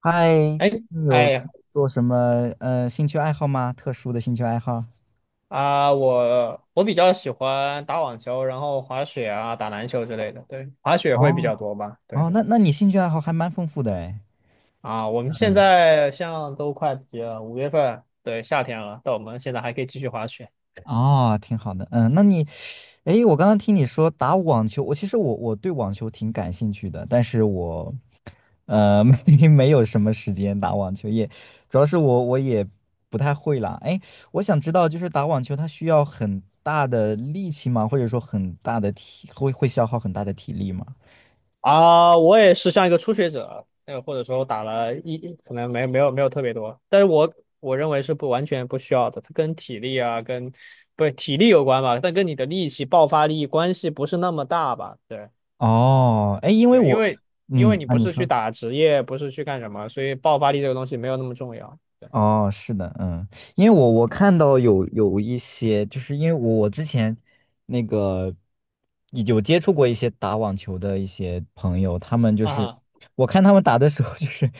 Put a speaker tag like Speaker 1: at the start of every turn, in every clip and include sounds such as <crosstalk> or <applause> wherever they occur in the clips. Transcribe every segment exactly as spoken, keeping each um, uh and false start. Speaker 1: 嗨，
Speaker 2: 哎，
Speaker 1: 最近有
Speaker 2: 哎呀
Speaker 1: 做什么呃兴趣爱好吗？特殊的兴趣爱好？
Speaker 2: 啊，我我比较喜欢打网球，然后滑雪啊，打篮球之类的。对，滑雪会比较
Speaker 1: 哦
Speaker 2: 多吧？对
Speaker 1: 哦，那那你兴趣爱好还蛮丰富的哎。
Speaker 2: 啊，我们现
Speaker 1: 嗯，
Speaker 2: 在像都快毕业了五月份，对，夏天了，但我们现在还可以继续滑雪
Speaker 1: 哦，挺好的。嗯，那你，诶，我刚刚听你说打网球，我其实我我对网球挺感兴趣的，但是我呃 <laughs> 没没有什么时间打网球，也主要是我我也不太会啦。诶，我想知道就是打网球它需要很大的力气吗？或者说很大的体会会消耗很大的体力吗？
Speaker 2: 啊。我也是像一个初学者，呃，或者说打了一，可能没没有没有特别多，但是我我认为是不完全不需要的，它跟体力啊，跟不是体力有关吧，但跟你的力气、爆发力关系不是那么大吧？对。
Speaker 1: 哦，哎，因为
Speaker 2: 对，因
Speaker 1: 我，
Speaker 2: 为因
Speaker 1: 嗯，
Speaker 2: 为你
Speaker 1: 那
Speaker 2: 不
Speaker 1: 你
Speaker 2: 是去
Speaker 1: 说，
Speaker 2: 打职业，不是去干什么，所以爆发力这个东西没有那么重要。对
Speaker 1: 哦，是的，嗯，因为我我看到有有一些，就是因为我我之前那个有接触过一些打网球的一些朋友，他们就
Speaker 2: 啊
Speaker 1: 是
Speaker 2: 哈，
Speaker 1: 我看他们打的时候，就是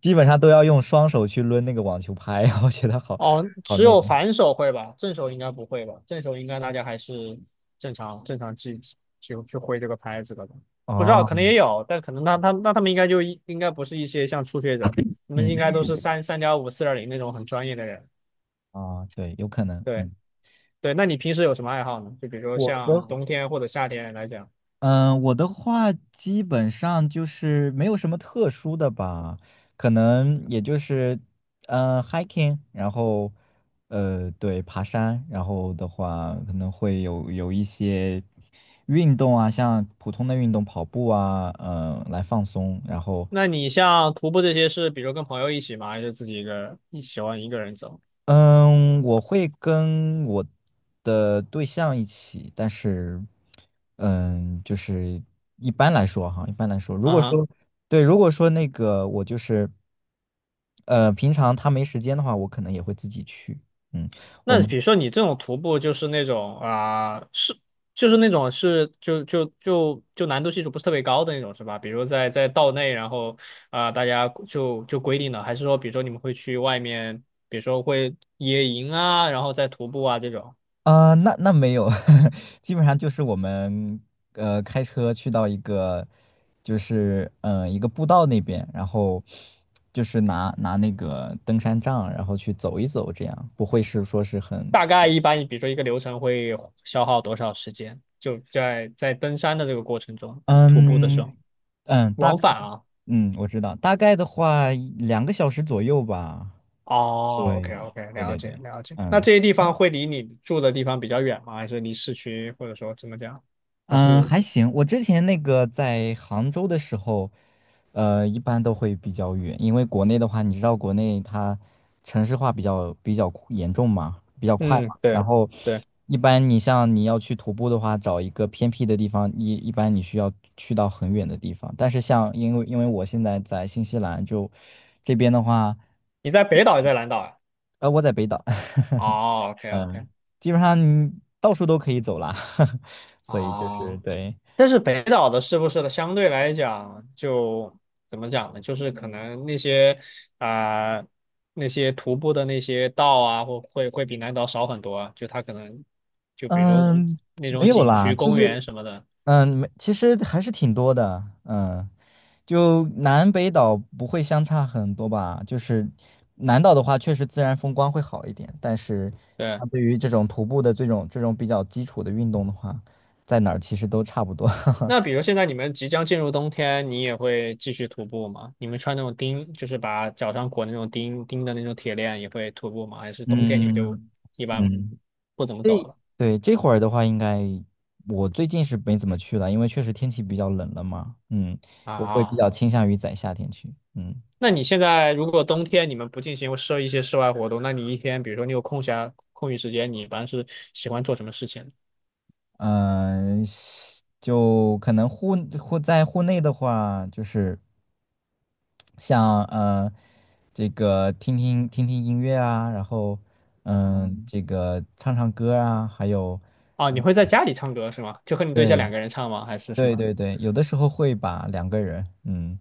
Speaker 1: 基本上都要用双手去抡那个网球拍，我觉得好
Speaker 2: 哦，
Speaker 1: 好
Speaker 2: 只
Speaker 1: 那个，
Speaker 2: 有反手会吧，正手应该不会吧？正手应该大家还是正常正常去去去挥这个拍子的吧，不知道
Speaker 1: 哦，
Speaker 2: 可能也有，但可能他他那他们应该就一应该不是一些像初学者，你们
Speaker 1: 嗯，
Speaker 2: 应该都是三三点五、四点零那种很专业的人。
Speaker 1: 啊，对，有可能，
Speaker 2: 对
Speaker 1: 嗯，
Speaker 2: 对，那你平时有什么爱好呢？就比如说
Speaker 1: 我
Speaker 2: 像
Speaker 1: 的。
Speaker 2: 冬天或者夏天来讲。
Speaker 1: 嗯，我的话基本上就是没有什么特殊的吧，可能也就是，呃，hiking，然后，呃，对，爬山，然后的话可能会有有一些运动啊，像普通的运动，跑步啊，嗯、来放松，然后
Speaker 2: 那你像徒步这些是，比如跟朋友一起吗？还是自己一个人？你喜欢一个人走？
Speaker 1: 嗯，我会跟我的对象一起，但是，嗯，就是一般来说哈，一般来说，如
Speaker 2: 啊
Speaker 1: 果
Speaker 2: 哈，
Speaker 1: 说对，如果说那个我就是，呃，平常他没时间的话，我可能也会自己去。嗯，我
Speaker 2: 那
Speaker 1: 们。
Speaker 2: 比如说你这种徒步就是那种啊、是就是那种是就就就就难度系数不是特别高的那种是吧？比如在在道内，然后啊、大家就就规定的，还是说比如说你们会去外面，比如说会野营啊，然后再徒步啊这种，
Speaker 1: 啊，那那没有，<laughs> 基本上就是我们呃开车去到一个，就是嗯、呃一个步道那边，然后就是拿拿那个登山杖，然后去走一走，这样不会是说是很
Speaker 2: 大概一般比如说一个流程会消耗多少时间？就在在登山的这个过程中，徒步的
Speaker 1: 嗯
Speaker 2: 时
Speaker 1: 嗯
Speaker 2: 候
Speaker 1: 嗯大
Speaker 2: 往返啊。
Speaker 1: 嗯我知道，大概的话两个小时左右吧，
Speaker 2: 哦，OK
Speaker 1: 对
Speaker 2: OK,
Speaker 1: 对
Speaker 2: 了
Speaker 1: 对
Speaker 2: 解
Speaker 1: 对，
Speaker 2: 了解。那
Speaker 1: 嗯。
Speaker 2: 这些地方会离你住的地方比较远吗？还是离市区，或者说怎么讲？还
Speaker 1: 嗯，
Speaker 2: 是
Speaker 1: 还行。我之前那个在杭州的时候，呃，一般都会比较远，因为国内的话，你知道国内它城市化比较比较酷严重嘛，比较快嘛。
Speaker 2: 嗯，
Speaker 1: 然
Speaker 2: 对
Speaker 1: 后
Speaker 2: 对，
Speaker 1: 一般你像你要去徒步的话，找一个偏僻的地方，一一般你需要去到很远的地方。但是像因为因为我现在在新西兰就这边的话，
Speaker 2: 你在北岛也在南岛呀？
Speaker 1: 呃，我在北岛，<laughs>
Speaker 2: 哦，OK
Speaker 1: 嗯，
Speaker 2: OK,
Speaker 1: 基本上你到处都可以走啦，<laughs> 所以就是
Speaker 2: 哦，
Speaker 1: 对。
Speaker 2: 但是北岛的是不是的，相对来讲就怎么讲呢？就是可能那些啊、呃那些徒步的那些道啊，或会会比南岛少很多啊。就它可能就比如说
Speaker 1: 嗯，
Speaker 2: 那种
Speaker 1: 没有
Speaker 2: 景
Speaker 1: 啦，
Speaker 2: 区、
Speaker 1: 就嗯
Speaker 2: 公
Speaker 1: 是
Speaker 2: 园什么的，
Speaker 1: 嗯，没其实还是挺多的，嗯，就南北岛不会相差很多吧？就是南岛的话，确实自然风光会好一点，但是
Speaker 2: 对。
Speaker 1: 相对于这种徒步的这种这种比较基础的运动的话，在哪儿其实都差不多。<laughs>
Speaker 2: 那比如现在你们即将进入冬天，你也会继续徒步吗？你们穿那种钉，就是把脚上裹那种钉钉的那种铁链，也会徒步吗？还是冬天你们就
Speaker 1: 嗯
Speaker 2: 一般
Speaker 1: 嗯，
Speaker 2: 不怎么走
Speaker 1: 这
Speaker 2: 了
Speaker 1: 对这会儿的话，应该我最近是没怎么去了，因为确实天气比较冷了嘛。嗯，我会比
Speaker 2: 啊？
Speaker 1: 较倾向于在夏天去。嗯。
Speaker 2: 那你现在如果冬天你们不进行设一些室外活动，那你一天，比如说你有空暇空余时间，你一般是喜欢做什么事情？
Speaker 1: 嗯，西就可能户户在户内的话，就是像呃这个听听听听音乐啊，然后嗯这个唱唱歌啊，还有
Speaker 2: 啊？你会在家里唱歌是吗？就和你对象
Speaker 1: 对
Speaker 2: 两个人唱吗？还是什
Speaker 1: 对
Speaker 2: 么？
Speaker 1: 对对，有的时候会把两个人，嗯，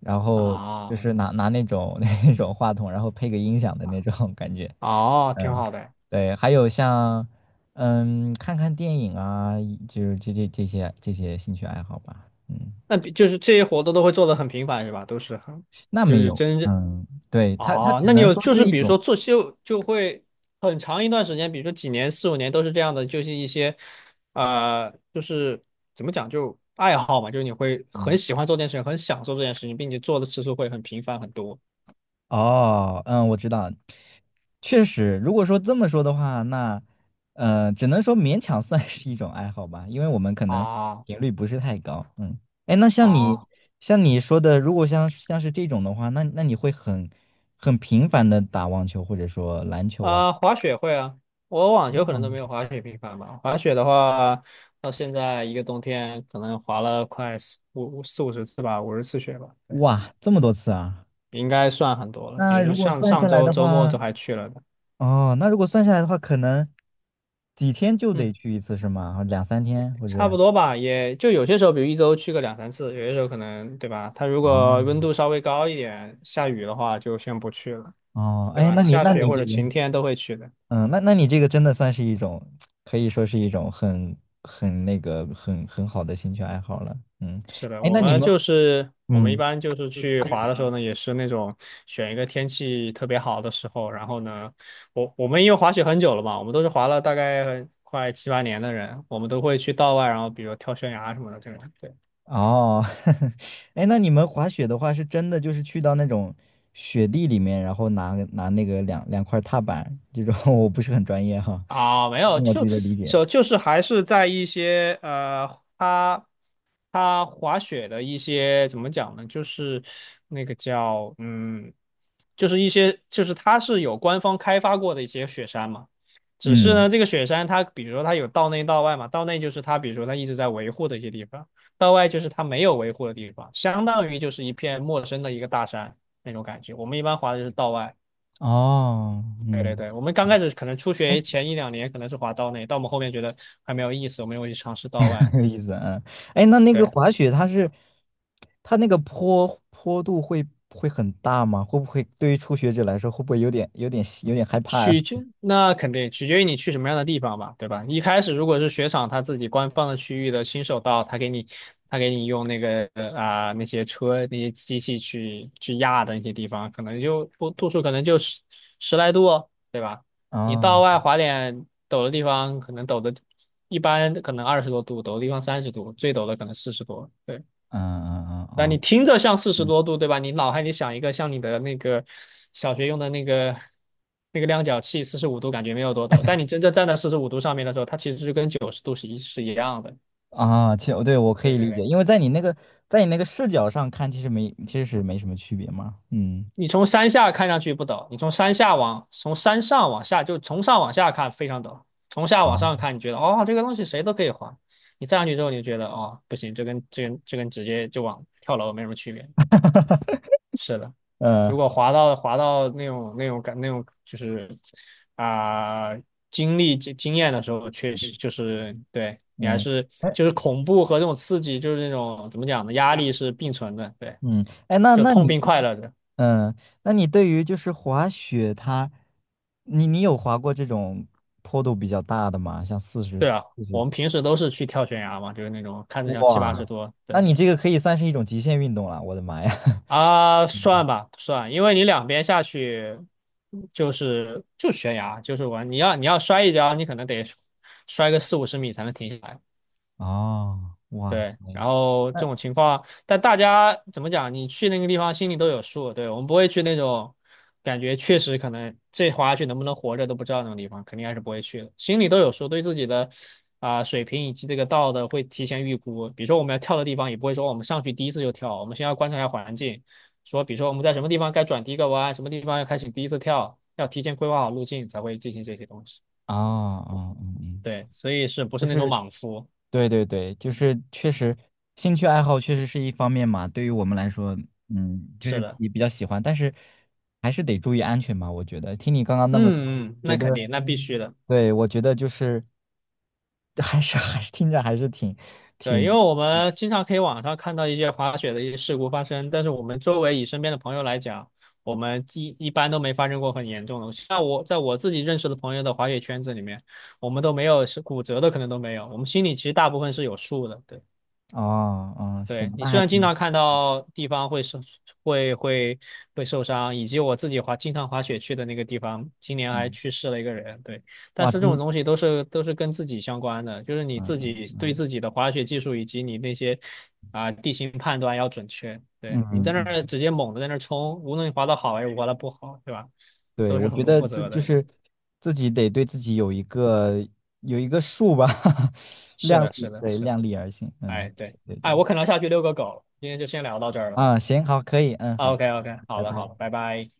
Speaker 1: 然后就
Speaker 2: 啊，
Speaker 1: 是拿拿那种 <laughs> 那种话筒，然后配个音响的那种感觉，
Speaker 2: 哦，挺
Speaker 1: 嗯，
Speaker 2: 好的。
Speaker 1: 对，还有像嗯看看电影啊，就是这这这些这些兴趣爱好吧，嗯，
Speaker 2: 那比就是这些活动都会做的很频繁是吧？都是很。
Speaker 1: 那
Speaker 2: 就
Speaker 1: 没
Speaker 2: 是
Speaker 1: 有，
Speaker 2: 真正
Speaker 1: 嗯，对，它它
Speaker 2: 哦，
Speaker 1: 只
Speaker 2: 那你
Speaker 1: 能
Speaker 2: 有
Speaker 1: 说
Speaker 2: 就是
Speaker 1: 是一
Speaker 2: 比如说
Speaker 1: 种。
Speaker 2: 做秀就会很长一段时间，比如说几年、四五年都是这样的，就是一些呃，就是怎么讲，就爱好嘛，就是你会很
Speaker 1: 嗯。
Speaker 2: 喜欢做这件事情，很享受这件事情，并且做的次数会很频繁很多。
Speaker 1: 哦，嗯，我知道，确实，如果说这么说的话，那，呃，只能说勉强算是一种爱好吧，因为我们可能
Speaker 2: 啊
Speaker 1: 频率不是太高，嗯，哎，那像你，
Speaker 2: 啊
Speaker 1: 像你说的，如果像像是这种的话，那那你会很很频繁的打网球或者说篮球啊？
Speaker 2: 啊！滑雪会啊，我网球可能都
Speaker 1: 嗯
Speaker 2: 没有滑雪频繁吧。滑雪的话，到现在一个冬天可能滑了快四五四五十次吧，五十次雪吧，对，
Speaker 1: 哇，这么多次啊！
Speaker 2: 应该算很多了。比
Speaker 1: 那
Speaker 2: 如说
Speaker 1: 如果
Speaker 2: 像
Speaker 1: 算
Speaker 2: 上
Speaker 1: 下来
Speaker 2: 周
Speaker 1: 的
Speaker 2: 周末都
Speaker 1: 话，
Speaker 2: 还去了的，
Speaker 1: 哦，那如果算下来的话，可能几天就得
Speaker 2: 嗯。
Speaker 1: 去一次是吗？两三天或
Speaker 2: 差不
Speaker 1: 者？
Speaker 2: 多吧，也就有些时候，比如一周去个两三次，有些时候可能，对吧？它如果
Speaker 1: 哦
Speaker 2: 温度稍微高一点，下雨的话就先不去了，
Speaker 1: 哦，
Speaker 2: 对
Speaker 1: 哎，
Speaker 2: 吧？
Speaker 1: 那你
Speaker 2: 下
Speaker 1: 那
Speaker 2: 雪
Speaker 1: 你
Speaker 2: 或
Speaker 1: 这
Speaker 2: 者
Speaker 1: 个，
Speaker 2: 晴天都会去的。
Speaker 1: 嗯，那那你这个真的算是一种，可以说是一种很很那个很很好的兴趣爱好了，嗯，
Speaker 2: 是的，
Speaker 1: 哎，
Speaker 2: 我
Speaker 1: 那你
Speaker 2: 们
Speaker 1: 们，
Speaker 2: 就是我们一
Speaker 1: 嗯，
Speaker 2: 般就是去滑的时候呢，也是那种选一个天气特别好的时候，然后呢，我我们因为滑雪很久了嘛，我们都是滑了大概快七八年的人，我们都会去道外，然后比如跳悬崖什么的这种。对。
Speaker 1: 哦，<laughs> 哎，那你们滑雪的话，是真的就是去到那种雪地里面，然后拿拿那个两两块踏板这种，<laughs> 我不是很专业哈，
Speaker 2: 啊，没有，
Speaker 1: 凭我自
Speaker 2: 就
Speaker 1: 己的理解，
Speaker 2: 就就是还是在一些呃，他他滑雪的一些怎么讲呢？就是那个叫嗯，就是一些就是它是有官方开发过的一些雪山嘛。只是
Speaker 1: 嗯，
Speaker 2: 呢，这个雪山它比如说它有道内道外嘛，道内就是它比如说它一直在维护的一些地方，道外就是它没有维护的地方，相当于就是一片陌生的一个大山那种感觉。我们一般滑的就是道外。
Speaker 1: 哦，
Speaker 2: 对对
Speaker 1: 嗯。
Speaker 2: 对，我们刚开始可能初学
Speaker 1: 哎。
Speaker 2: 前一两年可能是滑刀内，到我们后面觉得还没有意思，我们又会去尝试刀外。
Speaker 1: <laughs> 有意思啊。哎，那那个
Speaker 2: 对，
Speaker 1: 滑雪它是它那个坡坡度会会很大吗？会不会对于初学者来说，会不会有点有点有点害怕呀？
Speaker 2: 取决那肯定取决于你去什么样的地方吧，对吧？一开始如果是雪场他自己官方的区域的新手道，他给你他给你用那个呃啊、那些车那些机器去去压的那些地方，可能就不度数可能就十十来度哦，对吧？
Speaker 1: <laughs>
Speaker 2: 你道
Speaker 1: 啊，
Speaker 2: 外滑点陡的地方，可能陡的一般可能二十多度，陡的地方三十度，最陡的可能四十多。对。
Speaker 1: 嗯嗯嗯
Speaker 2: 那
Speaker 1: 嗯。
Speaker 2: 你
Speaker 1: 嗯
Speaker 2: 听着像四十多度，对吧？你脑海里想一个像你的那个小学用的那个那个量角器，四十五度感觉没有多陡，但你真正站在四十五度上面的时候，它其实是跟九十度是一是一样的。
Speaker 1: 啊，其实对我可
Speaker 2: 对
Speaker 1: 以
Speaker 2: 对
Speaker 1: 理解，
Speaker 2: 对，
Speaker 1: 因为在你那个在你那个视角上看，其实没其实是没什么区别嘛。嗯，
Speaker 2: 你从山下看上去不陡，你从山下往从山上往下，就从上往下看非常陡，从下往
Speaker 1: 啊，
Speaker 2: 上看，你觉得哦这个东西谁都可以滑，你站上去之后，你就觉得哦不行，这跟这跟这跟直接就往跳楼没什么区别。对
Speaker 1: <laughs>
Speaker 2: 是的，
Speaker 1: 呃，
Speaker 2: 如果滑到滑到那种那种感那种就是啊、经历经经验的时候，确实就是对你还
Speaker 1: 嗯，
Speaker 2: 是
Speaker 1: 哎，
Speaker 2: 就是恐怖和这种刺激，就是那种怎么讲呢，压力是并存的，对，
Speaker 1: 嗯，哎，那
Speaker 2: 就
Speaker 1: 那
Speaker 2: 痛
Speaker 1: 你
Speaker 2: 并快乐着。
Speaker 1: 嗯，那你对于就是滑雪它，你你有滑过这种坡度比较大的吗？像四十，
Speaker 2: 对啊，我们平时都是去跳悬崖嘛，就是那种看着像七八十
Speaker 1: 哇，
Speaker 2: 多，
Speaker 1: 那
Speaker 2: 对
Speaker 1: 你这个可以算是一种极限运动了。我的妈呀！<laughs>
Speaker 2: 啊，算吧算，因为你两边下去就是就悬崖，就是完，你要你要摔一跤，你可能得摔个四五十米才能停下来。
Speaker 1: 哦，哇
Speaker 2: 对，
Speaker 1: 塞，
Speaker 2: 然后这
Speaker 1: 那哦
Speaker 2: 种情况，但大家怎么讲？你去那个地方心里都有数，对，我们不会去那种感觉确实可能这滑下去能不能活着都不知道那种地方，肯定还是不会去的。心里都有数，对自己的啊、水平以及这个道的会提前预估。比如说我们要跳的地方，也不会说我们上去第一次就跳，我们先要观察一下环境，说比如说我们在什么地方该转第一个弯，什么地方要开始第一次跳，要提前规划好路径才会进行这些东西。
Speaker 1: 哦嗯嗯，是。
Speaker 2: 对，所以是不
Speaker 1: 就
Speaker 2: 是那种
Speaker 1: 是
Speaker 2: 莽夫？
Speaker 1: 对对对，就是确实，兴趣爱好确实是一方面嘛。对于我们来说，嗯，就
Speaker 2: 是
Speaker 1: 是
Speaker 2: 的，
Speaker 1: 也比较喜欢，但是还是得注意安全吧。我觉得，听你刚刚那么说
Speaker 2: 嗯嗯，
Speaker 1: 觉
Speaker 2: 那肯
Speaker 1: 得，
Speaker 2: 定，那必须的。
Speaker 1: 对，我觉得就是 <laughs> 还是还是听着还是挺
Speaker 2: 对，因为
Speaker 1: 挺
Speaker 2: 我们经常可以网上看到一些滑雪的一些事故发生，但是我们周围以身边的朋友来讲，我们一一般都没发生过很严重的。像我在我自己认识的朋友的滑雪圈子里面，我们都没有是骨折的，可能都没有。我们心里其实大部分是有数的。对。
Speaker 1: 哦，嗯，是
Speaker 2: 对，
Speaker 1: 的，
Speaker 2: 你
Speaker 1: 那
Speaker 2: 虽
Speaker 1: 还
Speaker 2: 然经
Speaker 1: 挺
Speaker 2: 常看
Speaker 1: 好，
Speaker 2: 到地方会受会会会受伤，以及我自己滑经常滑雪去的那个地方，今年还
Speaker 1: 嗯，
Speaker 2: 去世了一个人。对，但
Speaker 1: 哇，
Speaker 2: 是这种
Speaker 1: 真
Speaker 2: 东西都是都是跟自己相关的，就是你
Speaker 1: 嗯
Speaker 2: 自己对
Speaker 1: 嗯
Speaker 2: 自己的滑雪技术以及你那些啊、地形判断要准确。
Speaker 1: 嗯
Speaker 2: 对，你在
Speaker 1: 嗯
Speaker 2: 那
Speaker 1: 嗯。
Speaker 2: 儿
Speaker 1: 嗯
Speaker 2: 直接猛的在那儿冲，无论你滑的好还是滑的不好，对吧？
Speaker 1: 对，
Speaker 2: 都是
Speaker 1: 我
Speaker 2: 很
Speaker 1: 觉
Speaker 2: 不
Speaker 1: 得
Speaker 2: 负
Speaker 1: 这
Speaker 2: 责
Speaker 1: 就
Speaker 2: 的。
Speaker 1: 是自己得对自己有一个有一个数吧，<laughs>
Speaker 2: 是
Speaker 1: 量
Speaker 2: 的，是
Speaker 1: 力，
Speaker 2: 的，
Speaker 1: 对，
Speaker 2: 是的。
Speaker 1: 量力而行，
Speaker 2: 哎，
Speaker 1: 嗯，
Speaker 2: 对，
Speaker 1: 对
Speaker 2: 哎，
Speaker 1: 对，
Speaker 2: 我可能要下去遛个狗，今天就先聊到这儿了。
Speaker 1: 啊，行，好，可以，嗯，好的，
Speaker 2: OK，OK，好
Speaker 1: 拜
Speaker 2: 的，好
Speaker 1: 拜。
Speaker 2: 的，拜拜。